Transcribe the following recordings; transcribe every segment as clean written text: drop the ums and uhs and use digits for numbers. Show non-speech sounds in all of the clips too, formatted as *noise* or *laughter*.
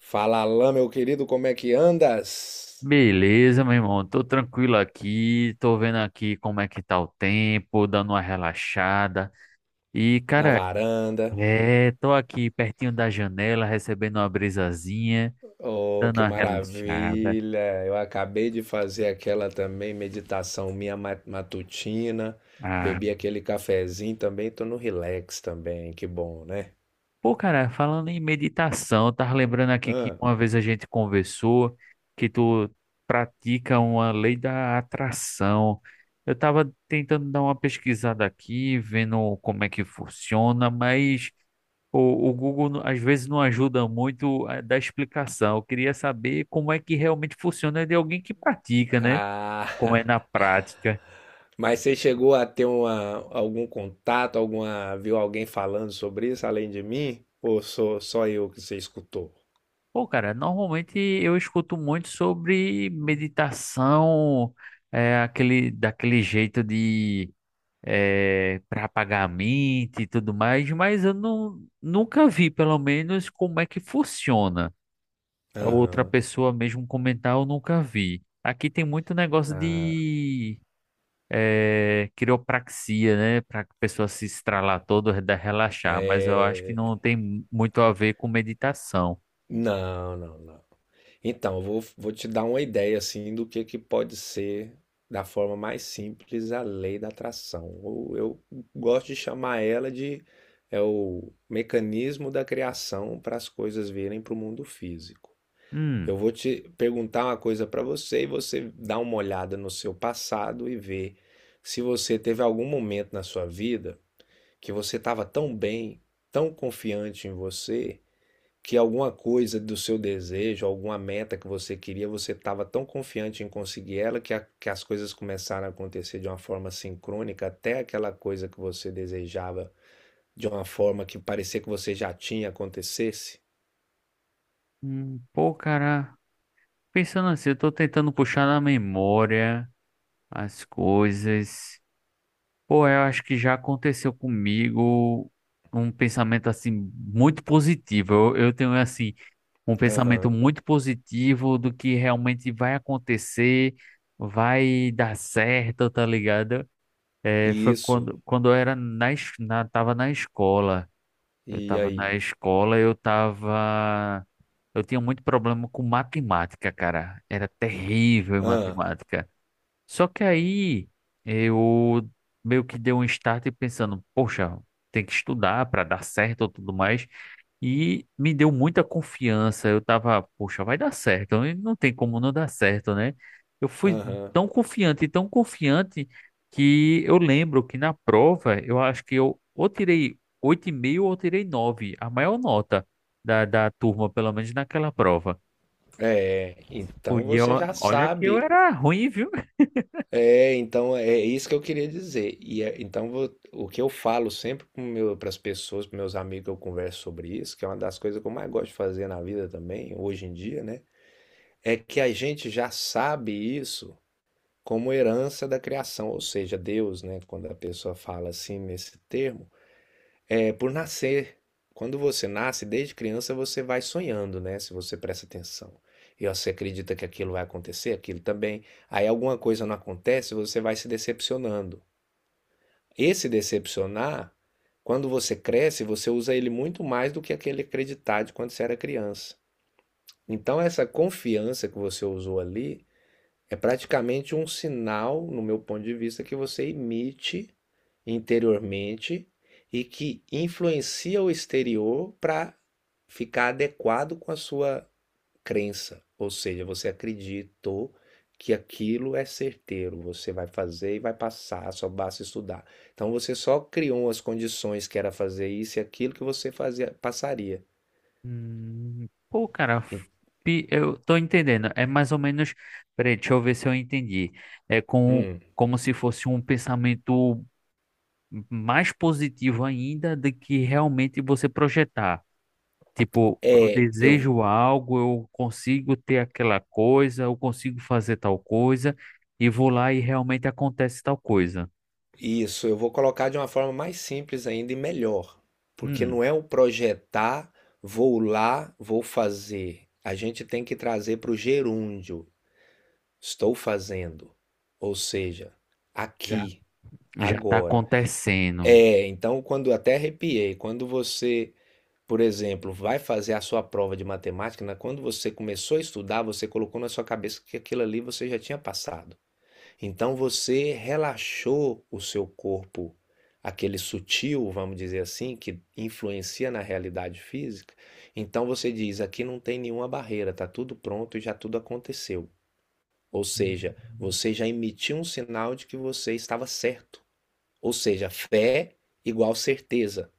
Fala, Alain, meu querido, como é que andas? Beleza, meu irmão. Tô tranquilo aqui. Tô vendo aqui como é que tá o tempo, dando uma relaxada. E, Na cara, varanda. é, tô aqui pertinho da janela, recebendo uma brisazinha, Oh, dando que uma relaxada. maravilha! Eu acabei de fazer aquela também meditação minha matutina. Ah, Bebi aquele cafezinho também, tô no relax também, que bom, né? pô, cara, falando em meditação, eu tava lembrando aqui que Hã? uma vez a gente conversou que tu pratica uma lei da atração. Eu tava tentando dar uma pesquisada aqui, vendo como é que funciona, mas o Google às vezes não ajuda muito a dar explicação. Eu queria saber como é que realmente funciona de alguém que pratica, né? Ah, Como é na *laughs* prática. mas você chegou a ter uma, algum contato, alguma, viu alguém falando sobre isso além de mim? Ou sou só eu que você escutou? Pô, cara, normalmente eu escuto muito sobre meditação, daquele jeito de é, para apagar a mente e tudo mais, mas eu não, nunca vi, pelo menos, como é que funciona. Outra Aham. pessoa mesmo comentar, eu nunca vi. Aqui tem muito negócio Ah, de é, quiropraxia, né? Para a pessoa se estralar toda, relaxar, mas eu acho que é. não tem muito a ver com meditação. Não, não, não. Então, eu vou te dar uma ideia assim do que pode ser da forma mais simples a lei da atração. Ou eu gosto de chamar ela de é o mecanismo da criação para as coisas virem para o mundo físico. Eu Hum, vou te perguntar uma coisa para você e você dá uma olhada no seu passado e vê se você teve algum momento na sua vida que você estava tão bem, tão confiante em você que alguma coisa do seu desejo, alguma meta que você queria, você estava tão confiante em conseguir ela que, que as coisas começaram a acontecer de uma forma sincrônica, até aquela coisa que você desejava de uma forma que parecia que você já tinha acontecesse? Pô, cara, pensando assim, eu tô tentando puxar na memória as coisas. Pô, eu acho que já aconteceu comigo um pensamento assim muito positivo. Eu tenho assim um pensamento Aham, muito positivo do que realmente vai acontecer, vai dar certo, tá ligado? É, foi isso. quando eu era tava na escola. Eu E tava na aí? escola, eu tava. Eu tinha muito problema com matemática, cara. Era terrível em Ah, matemática. Só que aí eu meio que dei um start pensando, poxa, tem que estudar para dar certo ou tudo mais. E me deu muita confiança. Eu tava, poxa, vai dar certo. E não tem como não dar certo, né? Eu fui aham. Tão confiante, que eu lembro que na prova eu acho que eu ou tirei oito e meio ou tirei nove, a maior nota da turma, pelo menos naquela prova. É, então E eu, você já olha que eu sabe. era ruim, viu? É, então é isso que eu queria dizer. Então o que eu falo sempre para as pessoas, para meus amigos que eu converso sobre isso, que é uma das coisas que eu mais gosto de fazer na vida também, hoje em dia, né? É que a gente já sabe isso como herança da criação, ou seja, Deus, né? Quando a pessoa fala assim nesse termo. É, por nascer. Quando você nasce, desde criança, você vai sonhando, né? Se você presta atenção. E você acredita que aquilo vai acontecer, aquilo também. Aí alguma coisa não acontece, você vai se decepcionando. Esse decepcionar, quando você cresce, você usa ele muito mais do que aquele acreditar de quando você era criança. Então, essa confiança que você usou ali é praticamente um sinal, no meu ponto de vista, que você emite interiormente e que influencia o exterior para ficar adequado com a sua crença. Ou seja, você acreditou que aquilo é certeiro, você vai fazer e vai passar, só basta estudar. Então você só criou as condições que era fazer isso e aquilo que você fazia passaria. Pô, cara, eu tô entendendo. É mais ou menos. Peraí, deixa eu ver se eu entendi. É com, Hum, como se fosse um pensamento mais positivo ainda do que realmente você projetar. Tipo, eu é, eu desejo algo, eu consigo ter aquela coisa, eu consigo fazer tal coisa, e vou lá e realmente acontece tal coisa. Isso, eu vou colocar de uma forma mais simples ainda e melhor, porque Hum, não é o projetar, vou lá, vou fazer. A gente tem que trazer para o gerúndio, estou fazendo, ou seja, já, aqui, já tá agora. acontecendo. É, então quando até arrepiei, quando você, por exemplo, vai fazer a sua prova de matemática, né, quando você começou a estudar, você colocou na sua cabeça que aquilo ali você já tinha passado. Então você relaxou o seu corpo, aquele sutil, vamos dizer assim, que influencia na realidade física. Então você diz: aqui não tem nenhuma barreira, está tudo pronto e já tudo aconteceu. Ou seja, você já emitiu um sinal de que você estava certo. Ou seja, fé igual certeza.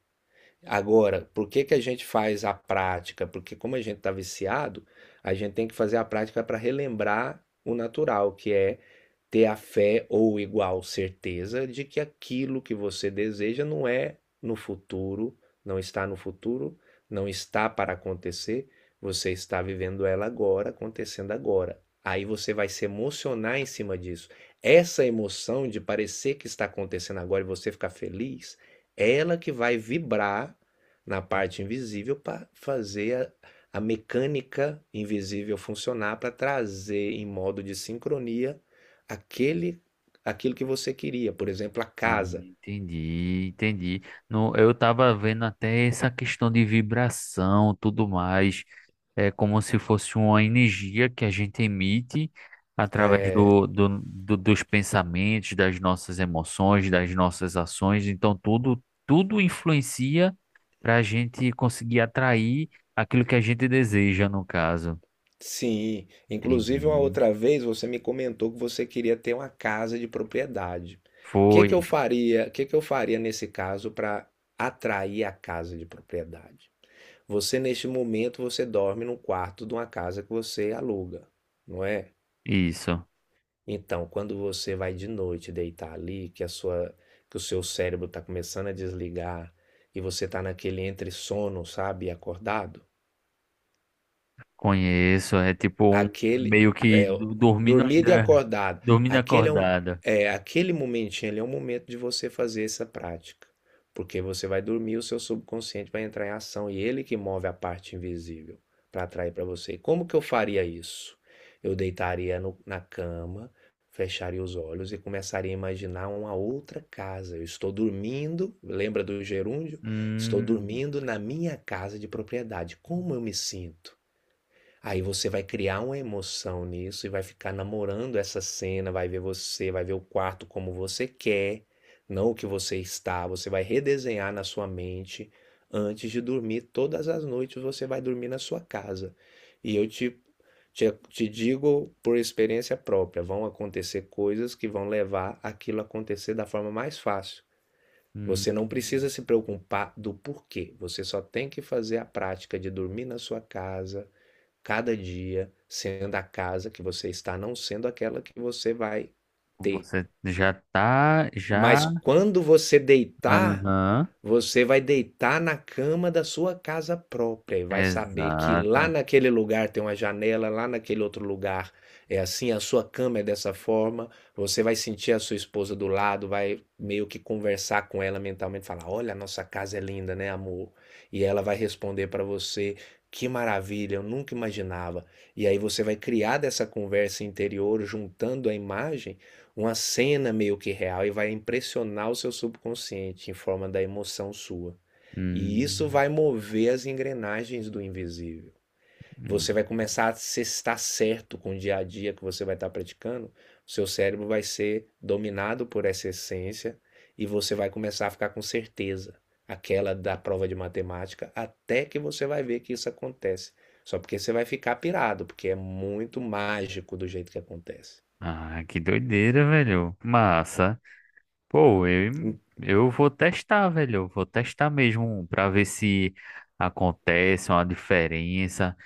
Agora, por que que a gente faz a prática? Porque como a gente está viciado, a gente tem que fazer a prática para relembrar o natural, que é ter a fé ou igual certeza de que aquilo que você deseja não é no futuro, não está no futuro, não está para acontecer, você está vivendo ela agora, acontecendo agora. Aí você vai se emocionar em cima disso. Essa emoção de parecer que está acontecendo agora e você ficar feliz, é ela que vai vibrar na parte invisível para fazer a mecânica invisível funcionar para trazer em modo de sincronia aquele aquilo que você queria, por exemplo, a Ah, casa. entendi, entendi. No, eu estava vendo até essa questão de vibração, tudo mais, é como se fosse uma energia que a gente emite através dos pensamentos, das nossas emoções, das nossas ações. Então tudo influencia para a gente conseguir atrair aquilo que a gente deseja, no caso. Sim, inclusive, uma Entendi. outra vez você me comentou que você queria ter uma casa de propriedade. O que Foi que eu faria, o que que eu faria nesse caso para atrair a casa de propriedade? Você, neste momento, você dorme no quarto de uma casa que você aluga, não é? isso. Então, quando você vai de noite deitar ali, que a sua, que o seu cérebro está começando a desligar e você está naquele entre sono, sabe, e acordado, Conheço, é tipo um aquele meio que é dormindo dormido e ainda. acordado. Dormindo Aquele é um acordada. É aquele momentinho ali é um momento de você fazer essa prática, porque você vai dormir, o seu subconsciente vai entrar em ação e ele que move a parte invisível para atrair para você. E como que eu faria isso? Eu deitaria na cama, fecharia os olhos e começaria a imaginar uma outra casa. Eu estou dormindo, lembra do gerúndio? Estou Hum, dormindo na minha casa de propriedade. Como eu me sinto? Aí você vai criar uma emoção nisso e vai ficar namorando essa cena, vai ver você, vai ver o quarto como você quer, não o que você está. Você vai redesenhar na sua mente antes de dormir. Todas as noites você vai dormir na sua casa. E eu te digo por experiência própria: vão acontecer coisas que vão levar aquilo a acontecer da forma mais fácil. Você não hum. precisa se preocupar do porquê, você só tem que fazer a prática de dormir na sua casa cada dia sendo a casa que você está, não sendo aquela que você vai ter. Você já tá, já. Mas quando você deitar, Aham. você vai deitar na cama da sua casa própria e vai saber que lá Exato. naquele lugar tem uma janela, lá naquele outro lugar é assim, a sua cama é dessa forma. Você vai sentir a sua esposa do lado, vai meio que conversar com ela mentalmente, falar: "Olha, a nossa casa é linda, né, amor?" E ela vai responder para você: "Que maravilha, eu nunca imaginava". E aí você vai criar dessa conversa interior juntando a imagem uma cena meio que real e vai impressionar o seu subconsciente em forma da emoção sua. E isso Hum, vai mover as engrenagens do invisível. Você hum. vai começar a se estar certo com o dia a dia que você vai estar praticando. O seu cérebro vai ser dominado por essa essência e você vai começar a ficar com certeza. Aquela da prova de matemática, até que você vai ver que isso acontece. Só porque você vai ficar pirado, porque é muito mágico do jeito que acontece. Ah, que doideira, velho. Massa. Pô, eu vou testar, velho. Eu vou testar mesmo pra ver se acontece uma diferença.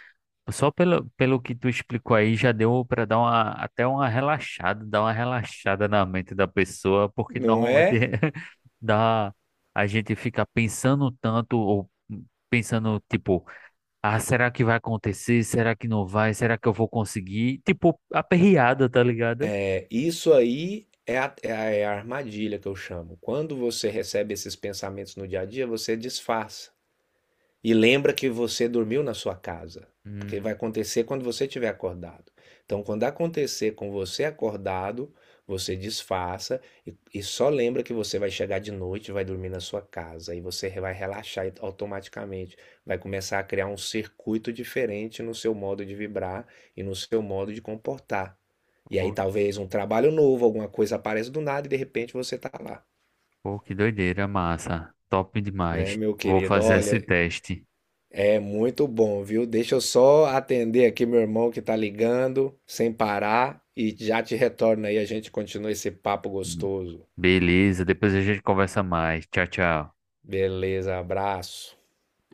Só pelo, pelo que tu explicou aí, já deu para dar uma, até uma relaxada, dar uma relaxada na mente da pessoa, porque Não normalmente é? *laughs* dá, a gente fica pensando tanto, ou pensando, tipo, ah, será que vai acontecer? Será que não vai? Será que eu vou conseguir? Tipo, aperreada, tá ligado? É, isso aí é é a armadilha que eu chamo. Quando você recebe esses pensamentos no dia a dia, você disfarça. E lembra que você dormiu na sua casa, porque Hum, vai acontecer quando você estiver acordado. Então, quando acontecer com você acordado, você desfaça e só lembra que você vai chegar de noite, e vai dormir na sua casa e você vai relaxar automaticamente, vai começar a criar um circuito diferente no seu modo de vibrar e no seu modo de comportar. E aí pô, talvez um trabalho novo, alguma coisa apareça do nada e de repente você está lá, pô, que doideira, massa. Top né, demais. meu Vou querido? fazer esse Olha, teste. é muito bom, viu? Deixa eu só atender aqui meu irmão que tá ligando, sem parar, e já te retorno aí, a gente continua esse papo gostoso. Beleza, depois a gente conversa mais. Tchau, tchau. Beleza, abraço.